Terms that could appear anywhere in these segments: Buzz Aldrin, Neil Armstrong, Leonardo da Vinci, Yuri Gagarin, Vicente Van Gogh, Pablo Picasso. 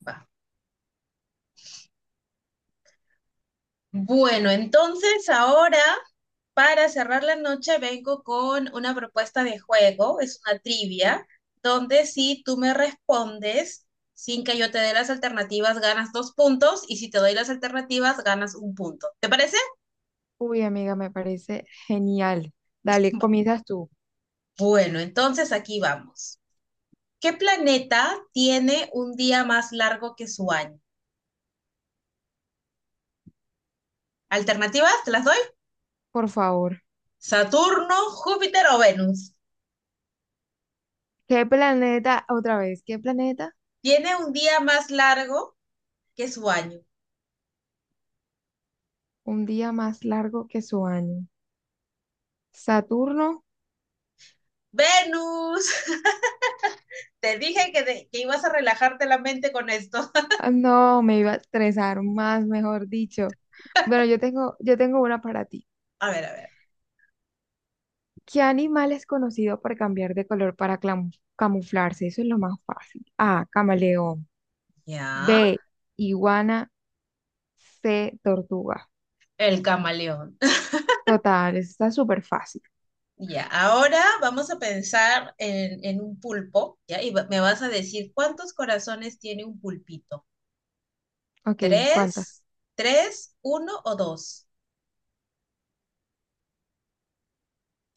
Va. Bueno, entonces ahora para cerrar la noche vengo con una propuesta de juego, es una trivia, donde si tú me respondes sin que yo te dé las alternativas ganas dos puntos y si te doy las alternativas ganas un punto. ¿Te parece? Uy, amiga, me parece genial. Dale, Va. comienzas tú, Bueno, entonces aquí vamos. ¿Qué planeta tiene un día más largo que su año? Alternativas, te las doy. por favor. Saturno, Júpiter o Venus. ¿Qué planeta, otra vez, qué planeta? Tiene un día más largo que su año. Un día más largo que su año. ¿Saturno? Venus, te dije que ibas a relajarte la mente con esto. Ah, no, me iba a estresar más, mejor dicho. Bueno, yo tengo una para ti. A ver, a ver. ¿Qué animal es conocido por cambiar de color para camuflarse? Eso es lo más fácil. A, camaleón. Ya, B, iguana. C, tortuga. el camaleón. Total, eso está súper fácil. Ya, ahora vamos a pensar en un pulpo, ¿ya? Y me vas a decir cuántos corazones tiene un pulpito. Ok, ¿cuántas? ¿Tres? ¿Tres? ¿Uno o dos?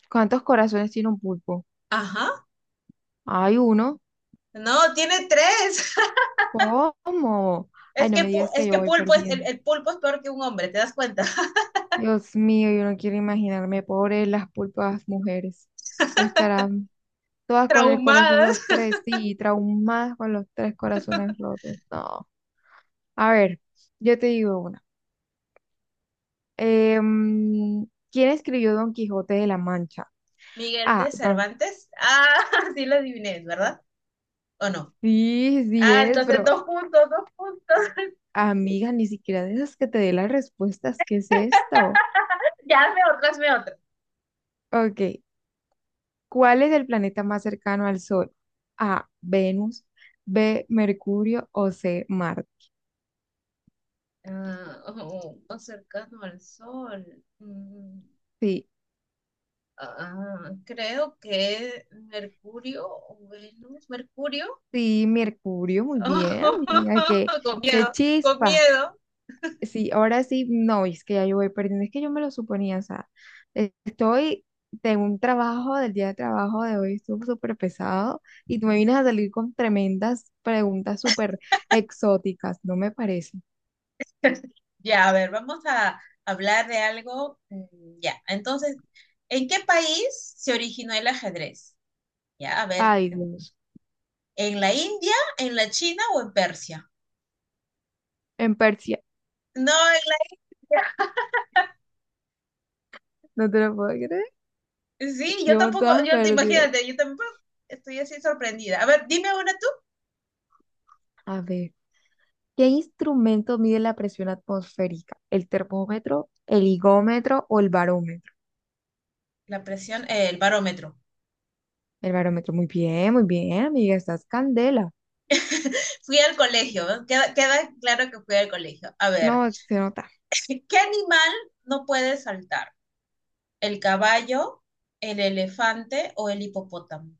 ¿Cuántos corazones tiene un pulpo? Ajá. Hay uno. No, tiene tres. ¿Cómo? Ay, Es no me digas que es yo que voy pulpo es, el, perdiendo. el pulpo es peor que un hombre, ¿te das cuenta? Dios mío, yo no quiero imaginarme, pobres las pulpas mujeres. Estarán todas con el corazón los Traumadas. tres, sí, traumadas con los tres corazones rotos. No. A ver, yo te digo una. Em, ¿Quién escribió Don Quijote de la Mancha? Miguel Ah, de no. Cervantes. Ah, sí lo adiviné, ¿verdad? ¿O no? Sí, sí Ah, es, entonces pero dos puntos, dos puntos. amiga, ni siquiera de esas que te dé las respuestas. ¿Qué es esto? Ya hazme otra, hazme otra. Ok, ¿cuál es el planeta más cercano al Sol? A, Venus, B, Mercurio o C, Marte. Ah, oh, más cercano al Sol. Mm, Sí, creo que Mercurio o Venus. Mercurio. sí, Mercurio, muy bien, amiga, qué, Con qué miedo, con chispa. miedo. Sí, ahora sí, no, es que ya yo voy perdiendo, es que yo me lo suponía, o sea, estoy tengo un trabajo, del día de trabajo de hoy estuvo súper pesado y tú me vienes a salir con tremendas preguntas súper exóticas, no me parece. Ya, a ver, vamos a hablar de algo. Ya, entonces, ¿en qué país se originó el ajedrez? Ya, a ver, Ay, Dios, ¿en la India, en la China o en Persia? en Persia, No, en la. no te lo puedo creer, Sí, yo llevo tampoco, todas yo te perdidas. imagínate, yo tampoco estoy así sorprendida. A ver, dime una tú. A ver, ¿qué instrumento mide la presión atmosférica? ¿El termómetro, el higómetro o el barómetro? La presión, el barómetro. El barómetro, muy bien, amiga, estás candela. Fui al colegio, ¿no? Queda claro que fui al colegio. A ver, No, se nota, ¿qué animal no puede saltar? ¿El caballo, el elefante o el hipopótamo?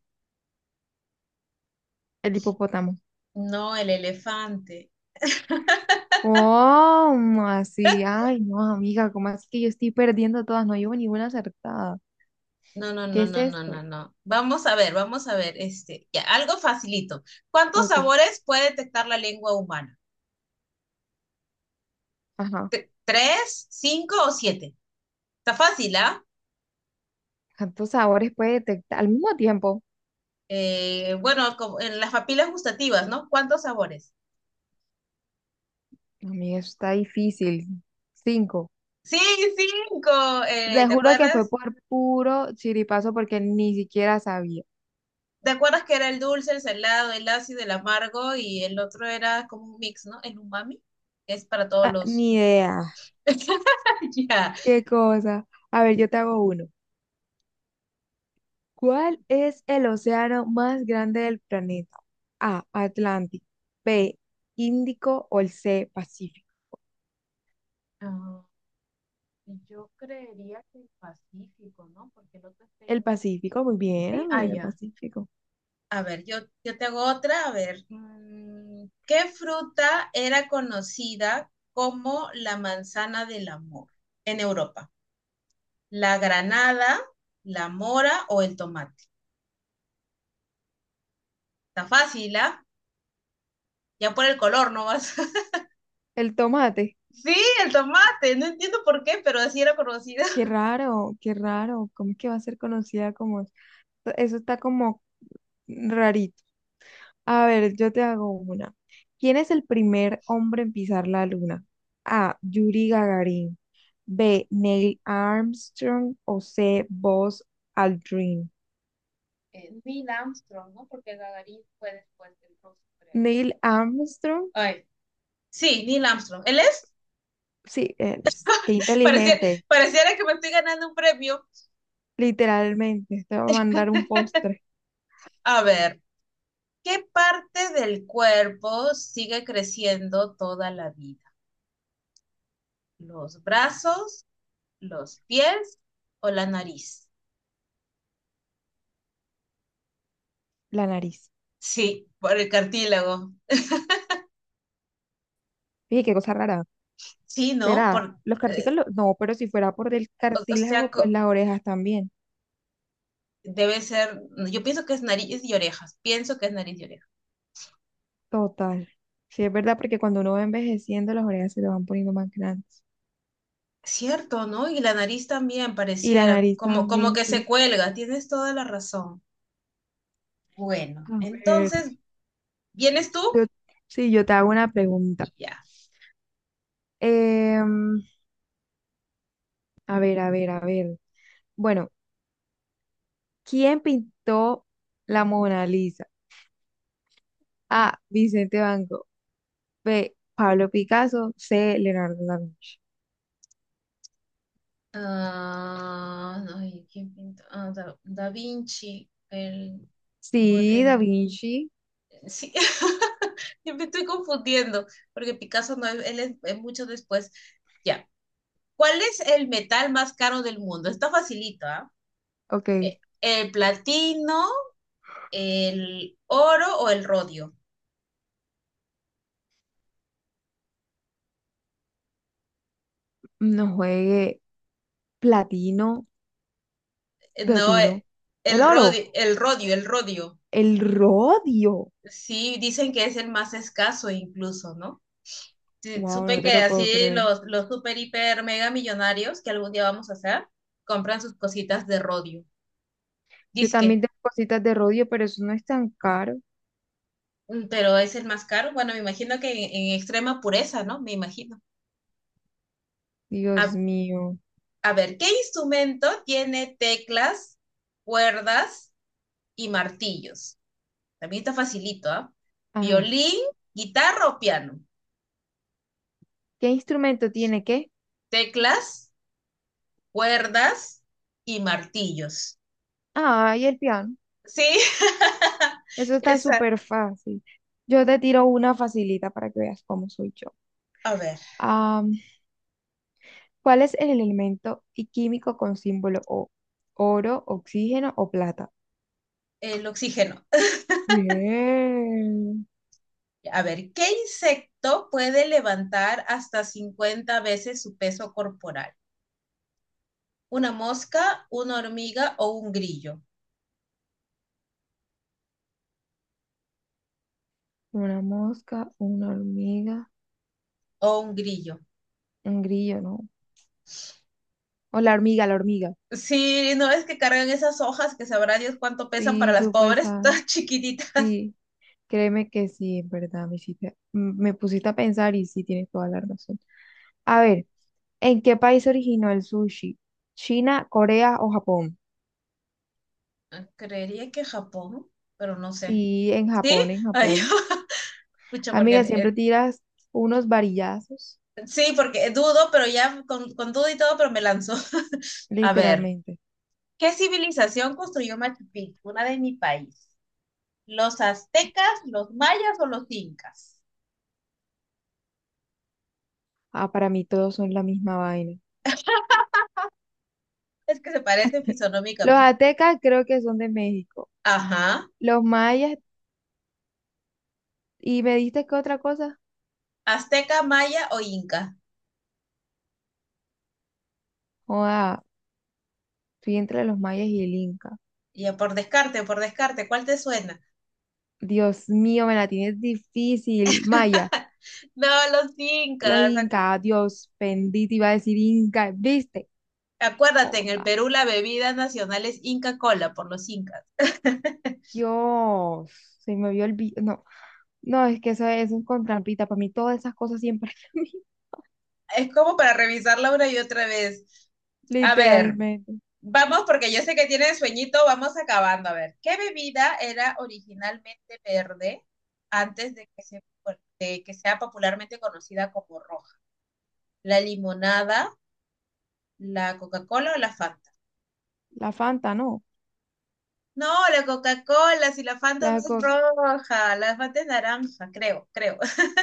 el hipopótamo. No, el elefante. ¿Cómo así? Ay, no, amiga, ¿cómo así que yo estoy perdiendo todas? No llevo ninguna acertada. No, no, ¿Qué no, es no, no, no, esto? no. Vamos a ver, este, ya, algo facilito. ¿Cuántos Ok, sabores puede detectar la lengua humana? ajá. ¿Tres, cinco o siete? Está fácil, ¿ah? ¿Cuántos sabores puede detectar al mismo tiempo? Bueno, como en las papilas gustativas, ¿no? ¿Cuántos sabores? Amiga, eso está difícil. Cinco. Sí, cinco. Te ¿Te juro que fue acuerdas? por puro chiripazo porque ni siquiera sabía. ¿Te acuerdas que era el dulce, el salado, el ácido, el amargo y el otro era como un mix, ¿no? El umami, que es para todos Ah, los... ni idea. Ya. Qué cosa. A ver, yo te hago uno. ¿Cuál es el océano más grande del planeta? A, Atlántico. B, Índico o el C, Pacífico. Ah, yo creería que el Pacífico, ¿no? Porque el otro está en El el... Pacífico, muy bien, Sí, ah, amiga, el ya. Pacífico. A ver, yo te hago otra. A ver, ¿qué fruta era conocida como la manzana del amor en Europa? ¿La granada, la mora o el tomate? Está fácil, ¿ah? Ya por el color no vas. El tomate. Sí, el tomate. No entiendo por qué, pero así era conocida. Qué raro, qué raro. ¿Cómo es que va a ser conocida como... Eso está como rarito. A ver, yo te hago una. ¿Quién es el primer hombre en pisar la luna? A, Yuri Gagarin. B, Neil Armstrong. O C, Buzz Aldrin. Neil Armstrong, ¿no? Porque Gagarin fue después del ruso, creo. Neil Armstrong. Ay, sí, Neil Armstrong. ¿Él es? Sí, él es. Qué Pareciera, inteligente. pareciera que me estoy ganando un premio. Literalmente. Te va a mandar un postre. A ver. ¿Qué parte del cuerpo sigue creciendo toda la vida? ¿Los brazos, los pies o la nariz? La nariz. Sí, por el cartílago. Fíjate qué cosa rara. Sí, ¿no? ¿Será? Los eh, cartílagos. No, pero si fuera por el o sea, cartílago, pues las orejas también. debe ser, yo pienso que es nariz y orejas, pienso que es nariz y orejas. Total. Sí, es verdad, porque cuando uno va envejeciendo, las orejas se le van poniendo más grandes. Cierto, ¿no? Y la nariz también Y la pareciera nariz como, como también, que se sí. cuelga, tienes toda la razón. Bueno, A ver, entonces, ¿vienes tú? Yo, sí, yo te hago una Y pregunta. ya. Em, a ver, a ver, a ver. Bueno, ¿quién pintó la Mona Lisa? A, Vicente Van Gogh. B, Pablo Picasso. C, Leonardo da Vinci. Ah, ay, ¿quién pintó? Ah, Da Vinci, por Sí, da el, Vinci. sí, yo me estoy confundiendo, porque Picasso no, él es mucho después. Ya, ¿cuál es el metal más caro del mundo? Está facilito, ¿ah? Ok. ¿El platino, el oro o el rodio? No juegue. Platino. No, Platino. El el oro. rodio, el rodio, el rodio. El rodio. Sí, dicen que es el más escaso incluso, ¿no? Sí, Wow, supe no te que lo puedo así creer. Los super, hiper, mega millonarios que algún día vamos a hacer, compran sus cositas de rodio. Yo Disque, también tengo cositas de rodio, pero eso no es tan caro. Pero es el más caro. Bueno, me imagino que en extrema pureza, ¿no? Me imagino. A, Dios mío. a ver, ¿qué instrumento tiene teclas, cuerdas y martillos? También está facilito, ¿ah? Ajá. Violín, guitarra o piano. ¿Qué instrumento tiene qué? Teclas, cuerdas y martillos. Ay, el piano. Sí, Eso está esa. súper fácil. Yo te tiro una facilita para que veas cómo soy yo. A ver, Am, ¿Cuál es el elemento y químico con símbolo O? ¿Oro, oxígeno o plata? el oxígeno. Bien. A ver, ¿qué insecto puede levantar hasta 50 veces su peso corporal? ¿Una mosca, una hormiga o un grillo? Una mosca, una hormiga, O un grillo. un grillo, ¿no? O la hormiga, la hormiga. Sí, no es que cargan esas hojas que sabrá Dios cuánto pesan para Sí, las supe pobres, esa. todas chiquititas. Sí, créeme que sí, en verdad, me pusiste a pensar y sí tienes toda la razón. A ver. ¿En qué país se originó el sushi? ¿China, Corea o Japón? Ah, creería que Japón, pero no sé. Sí, en ¿Sí? Japón, en Ay, Japón. escucha, porque Amiga, siempre tiras unos varillazos, sí, porque dudo, pero ya con duda y todo, pero me lanzó. A ver, literalmente. ¿qué civilización construyó Machu Picchu? Una de mi país. ¿Los aztecas, los mayas o los incas? Ah, para mí todos son la misma vaina. Es que se parecen Los fisionómicamente. aztecas creo que son de México. Ajá. Los mayas, ¿y me diste qué otra cosa? Azteca, maya o inca. Joda, estoy entre los mayas y el inca. Ya por descarte, ¿cuál te suena? Dios mío, me la tienes difícil. Maya, No, los los incas. Incas, Dios bendito, iba a decir inca, ¿viste? Acuérdate, en el Joda. Perú la bebida nacional es Inca Cola por los incas. Dios, se me vio el vi- no, no, es que eso, es con trampita. Para mí todas esas cosas siempre, a mí, Es como para revisarla una y otra vez. A ver, literalmente. vamos, porque yo sé que tienen sueñito, vamos acabando. A ver, ¿qué bebida era originalmente verde antes de de que sea popularmente conocida como roja? ¿La limonada, la Coca-Cola o la Fanta? La Fanta, no. No, la Coca-Cola, si la Fanta no La es Coca. roja, la Fanta es naranja, creo, creo.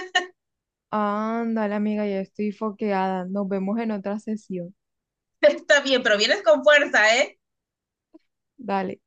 Ándale, amiga, ya estoy foqueada. Nos vemos en otra sesión. Está bien, pero vienes con fuerza, ¿eh? Dale.